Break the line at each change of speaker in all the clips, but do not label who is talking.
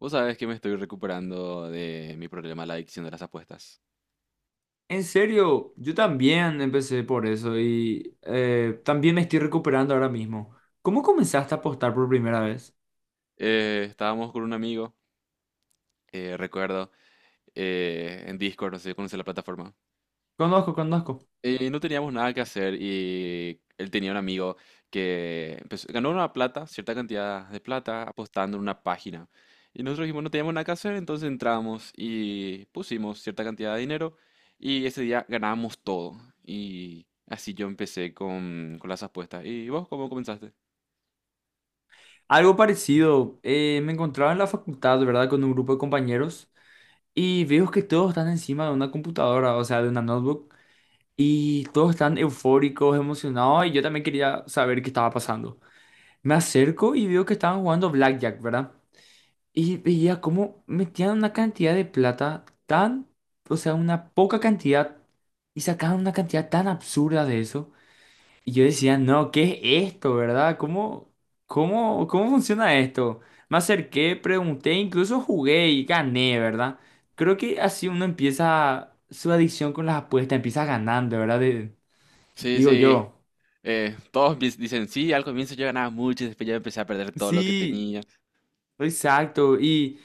Vos sabés que me estoy recuperando de mi problema, la adicción de las apuestas.
En serio, yo también empecé por eso y también me estoy recuperando ahora mismo. ¿Cómo comenzaste a apostar por primera vez?
Estábamos con un amigo, eh, recuerdo, en Discord, no sé si conoces la plataforma.
Conozco, conozco.
No teníamos nada que hacer y él tenía un amigo que ganó una plata, cierta cantidad de plata, apostando en una página. Y nosotros dijimos, no teníamos nada que hacer, entonces entramos y pusimos cierta cantidad de dinero y ese día ganábamos todo. Y así yo empecé con las apuestas. ¿Y vos cómo comenzaste?
Algo parecido, me encontraba en la facultad, ¿verdad? Con un grupo de compañeros y veo que todos están encima de una computadora, o sea, de una notebook, y todos están eufóricos, emocionados y yo también quería saber qué estaba pasando. Me acerco y veo que estaban jugando Blackjack, ¿verdad? Y veía cómo metían una cantidad de plata tan, o sea, una poca cantidad, y sacaban una cantidad tan absurda de eso. Y yo decía, no, ¿qué es esto, verdad? ¿Cómo, cómo funciona esto? Me acerqué, pregunté, incluso jugué y gané, ¿verdad? Creo que así uno empieza su adicción con las apuestas, empieza ganando, ¿verdad?
Sí,
Digo
sí.
yo.
Todos dicen, sí, al comienzo yo ganaba mucho y después ya empecé a perder todo lo que
Sí,
tenía.
exacto. Y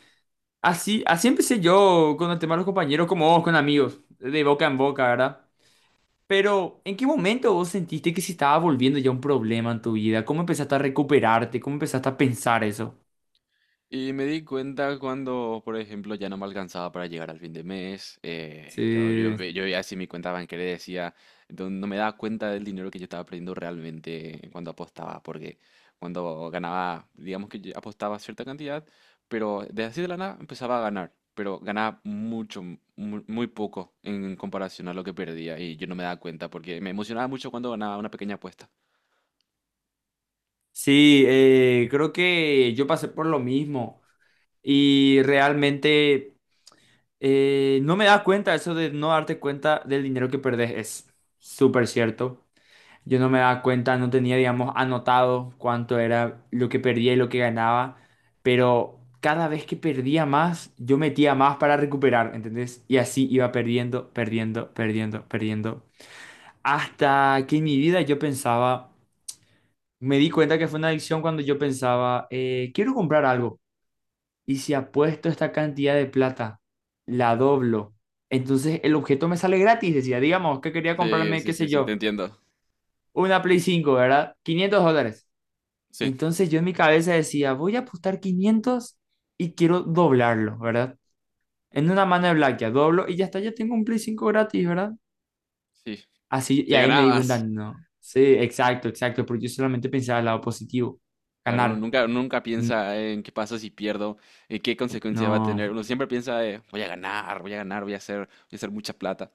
así, así empecé yo con el tema de los compañeros, como vos, con amigos, de boca en boca, ¿verdad? Pero, ¿en qué momento vos sentiste que se estaba volviendo ya un problema en tu vida? ¿Cómo empezaste a recuperarte? ¿Cómo empezaste a pensar eso?
Y me di cuenta cuando, por ejemplo, ya no me alcanzaba para llegar al fin de mes.
Sí,
Yo veía así mi cuenta bancaria y decía, no, no me daba cuenta del dinero que yo estaba perdiendo realmente cuando apostaba, porque cuando ganaba, digamos que yo apostaba cierta cantidad, pero de así de la nada empezaba a ganar, pero ganaba muy poco en comparación a lo que perdía y yo no me daba cuenta porque me emocionaba mucho cuando ganaba una pequeña apuesta.
sí, creo que yo pasé por lo mismo y realmente no me das cuenta eso de no darte cuenta del dinero que perdés, es súper cierto. Yo no me daba cuenta, no tenía, digamos, anotado cuánto era lo que perdía y lo que ganaba, pero cada vez que perdía más, yo metía más para recuperar, ¿entendés? Y así iba perdiendo, perdiendo, perdiendo, perdiendo. Hasta que en mi vida yo pensaba, me di cuenta que fue una adicción cuando yo pensaba, quiero comprar algo. Y si apuesto esta cantidad de plata, la doblo. Entonces el objeto me sale gratis, decía, digamos, que quería
Sí,
comprarme,
sí,
qué sé
sí, sí, te
yo,
entiendo.
una Play 5, ¿verdad? 500 dólares.
Sí,
Entonces yo en mi cabeza decía, voy a apostar 500 y quiero doblarlo, ¿verdad? En una mano de Blackjack, doblo y ya está, ya tengo un Play 5 gratis, ¿verdad?
sí.
Así, y
Si
ahí me di cuenta,
ganabas.
no. Sí, exacto, exacto, porque yo solamente pensaba el lado positivo,
Claro, uno
ganar.
nunca, nunca
N-
piensa en qué pasa si pierdo, en qué consecuencia va a
No.
tener. Uno siempre piensa, voy a ganar, voy a ganar, voy a hacer mucha plata.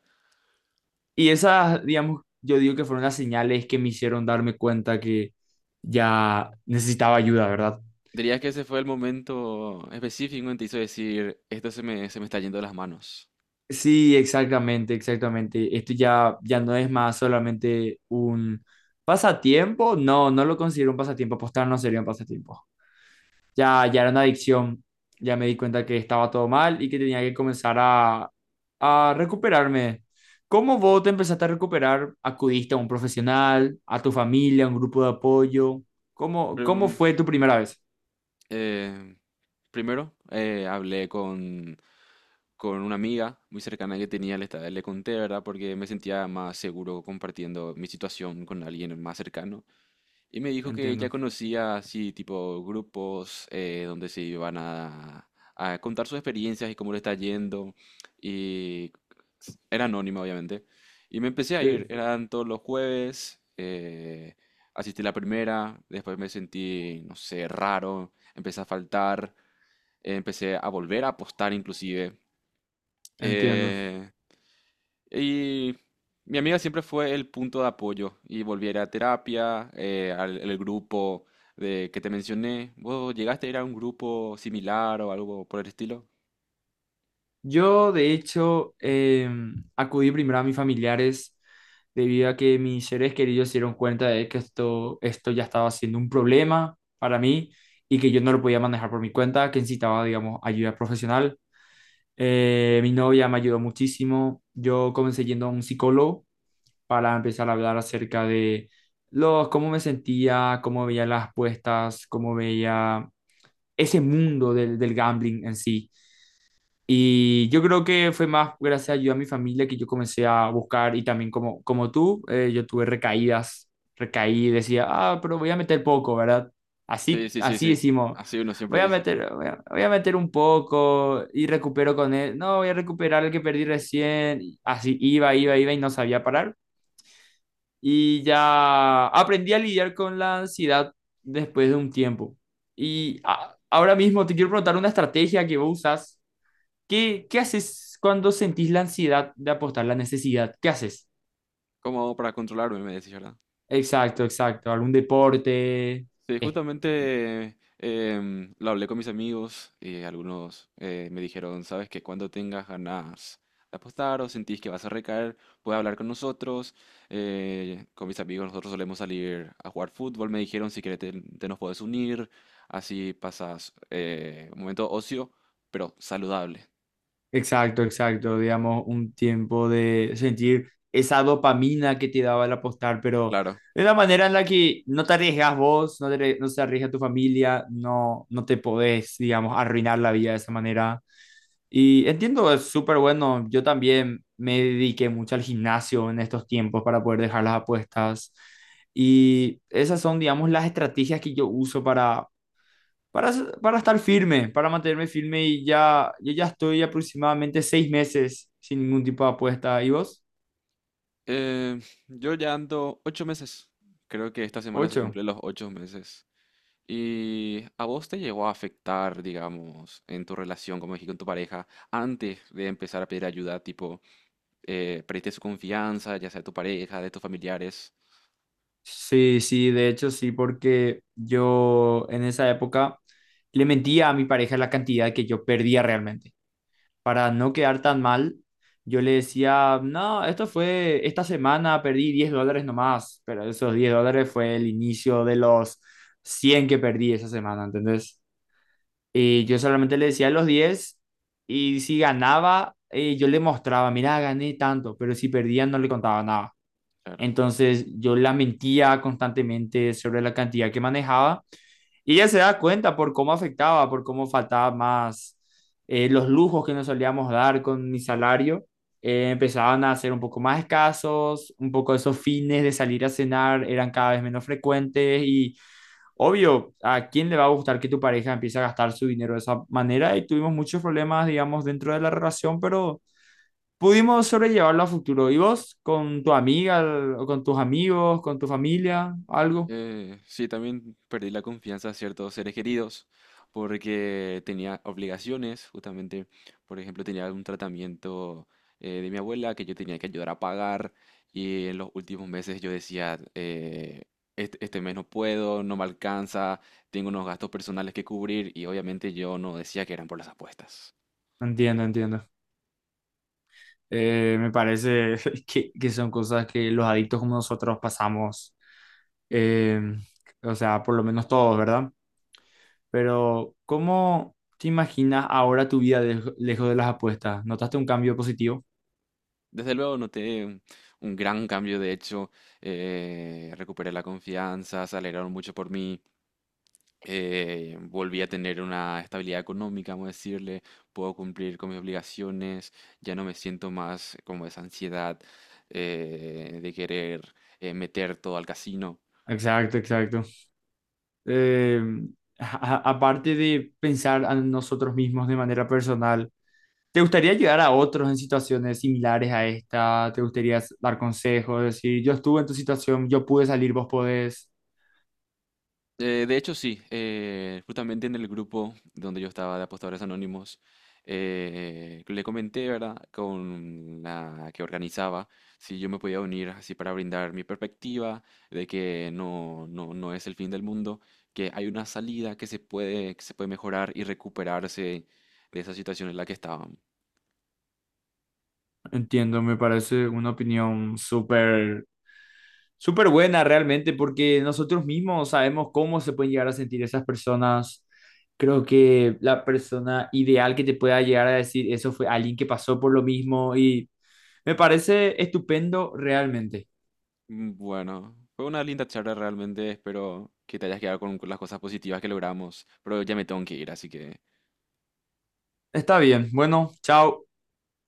Y esas, digamos, yo digo que fueron las señales que me hicieron darme cuenta que ya necesitaba ayuda, ¿verdad?
Diría que ese fue el momento específico en que te hizo decir, esto se me está yendo de las manos.
Sí, exactamente, exactamente. Esto ya, ya no es más solamente un pasatiempo. No, no lo considero un pasatiempo. Apostar no sería un pasatiempo. Ya, ya era una adicción. Ya me di cuenta que estaba todo mal y que tenía que comenzar a recuperarme. ¿Cómo vos te empezaste a recuperar? ¿Acudiste a un profesional, a tu familia, a un grupo de apoyo? ¿Cómo, cómo
Prim-
fue tu primera vez?
eh, Primero, hablé con una amiga muy cercana que tenía, le conté, ¿verdad? Porque me sentía más seguro compartiendo mi situación con alguien más cercano. Y me dijo que ella
Entiendo.
conocía así tipo grupos donde se iban a contar sus experiencias y cómo le está yendo. Y Era anónima, obviamente. Y me empecé a ir.
Sí,
Eran todos los jueves. Asistí la primera. Después me sentí, no sé, raro. Empecé a faltar. Empecé a volver a apostar inclusive.
entiendo.
Eh, y mi amiga siempre fue el punto de apoyo y volví a ir a terapia, al el grupo de que te mencioné. ¿Vos llegaste a ir a un grupo similar o algo por el estilo?
Yo, de hecho, acudí primero a mis familiares debido a que mis seres queridos se dieron cuenta de que esto ya estaba siendo un problema para mí y que yo no lo podía manejar por mi cuenta, que necesitaba, digamos, ayuda profesional. Mi novia me ayudó muchísimo. Yo comencé yendo a un psicólogo para empezar a hablar acerca de los, cómo me sentía, cómo veía las apuestas, cómo veía ese mundo del, del gambling en sí y yo creo que fue más gracias a ayuda a mi familia que yo comencé a buscar y también como, como tú, yo tuve recaídas, recaí, decía, ah, pero voy a meter poco, ¿verdad?
Sí,
Así,
sí, sí,
así
sí.
decimos,
Así uno siempre
voy a
dice.
meter, voy a, voy a meter un poco y recupero con él, no, voy a recuperar el que perdí recién, y así iba, iba, iba y no sabía parar. Y ya aprendí a lidiar con la ansiedad después de un tiempo. Y ahora mismo te quiero preguntar una estrategia que vos usas. ¿Qué, qué haces cuando sentís la ansiedad de apostar, la necesidad? ¿Qué haces?
¿Cómo hago para controlarme? Me decís, ¿verdad?
Exacto, exacto. ¿Algún deporte?
Sí,
Eh,
justamente lo hablé con mis amigos y algunos me dijeron, sabes que cuando tengas ganas de apostar o sentís que vas a recaer, puedes hablar con nosotros. Con mis amigos nosotros solemos salir a jugar fútbol, me dijeron, si querés te nos puedes unir, así pasas un momento ocio, pero saludable.
Exacto, exacto. Digamos, un tiempo de sentir esa dopamina que te daba el apostar, pero
Claro.
de una manera en la que no te arriesgas vos, no te, no se arriesga tu familia, no, no te podés, digamos, arruinar la vida de esa manera. Y entiendo, es súper bueno. Yo también me dediqué mucho al gimnasio en estos tiempos para poder dejar las apuestas. Y esas son, digamos, las estrategias que yo uso para, para estar firme, para mantenerme firme. Y ya, yo ya estoy aproximadamente 6 meses sin ningún tipo de apuesta. ¿Y vos?
Eh, yo ya ando ocho meses, creo que esta semana se
¿Ocho?
cumplen los ocho meses. ¿Y a vos te llegó a afectar, digamos, en tu relación, como dije, con tu pareja, antes de empezar a pedir ayuda, tipo, perdiste su confianza, ya sea de tu pareja, de tus familiares?
Sí, sí, de hecho sí, porque yo en esa época le mentía a mi pareja la cantidad que yo perdía realmente, para no quedar tan mal. Yo le decía, no, esto fue, esta semana perdí 10 dólares nomás, pero esos 10 dólares fue el inicio de los 100 que perdí esa semana, ¿entendés? Y yo solamente le decía los 10 y si ganaba, yo le mostraba, mira, gané tanto, pero si perdía no le contaba nada.
Claro.
Entonces yo la mentía constantemente sobre la cantidad que manejaba y ella se da cuenta por cómo afectaba, por cómo faltaba más, los lujos que nos solíamos dar con mi salario empezaban a ser un poco más escasos, un poco esos fines de salir a cenar eran cada vez menos frecuentes y obvio, ¿a quién le va a gustar que tu pareja empiece a gastar su dinero de esa manera? Y tuvimos muchos problemas, digamos, dentro de la relación, pero pudimos sobrellevarlo a futuro. ¿Y vos con tu amiga o con tus amigos, con tu familia, algo?
Sí, también perdí la confianza a ciertos seres queridos porque tenía obligaciones, justamente, por ejemplo, tenía un tratamiento de mi abuela que yo tenía que ayudar a pagar y en los últimos meses yo decía, este mes no puedo, no me alcanza, tengo unos gastos personales que cubrir y obviamente yo no decía que eran por las apuestas.
Entiendo, entiendo. Me parece que son cosas que los adictos como nosotros pasamos, eh, o sea, por lo menos todos, ¿verdad? Pero, ¿cómo te imaginas ahora tu vida lejos de las apuestas? ¿Notaste un cambio positivo?
Desde luego noté un gran cambio, de hecho, recuperé la confianza, se alegraron mucho por mí. Volví a tener una estabilidad económica, vamos a decirle, puedo cumplir con mis obligaciones, ya no me siento más como esa ansiedad de querer meter todo al casino.
Exacto, exacto. Eh, aparte de pensar a nosotros mismos de manera personal, ¿te gustaría ayudar a otros en situaciones similares a esta? ¿Te gustaría dar consejos? Decir, yo estuve en tu situación, yo pude salir, vos podés.
De hecho, sí. Justamente en el grupo donde yo estaba de Apostadores Anónimos, le comenté, ¿verdad?, con la que organizaba, si yo me podía unir así para brindar mi perspectiva de que no es el fin del mundo, que hay una salida que se puede mejorar y recuperarse de esa situación en la que estaban.
Entiendo, me parece una opinión súper, súper buena realmente, porque nosotros mismos sabemos cómo se pueden llegar a sentir esas personas. Creo que la persona ideal que te pueda llegar a decir eso fue alguien que pasó por lo mismo y me parece estupendo realmente.
Mm, bueno, fue una linda charla realmente. Espero que te hayas quedado con las cosas positivas que logramos, pero ya me tengo que ir, así que
Está bien, bueno, chao.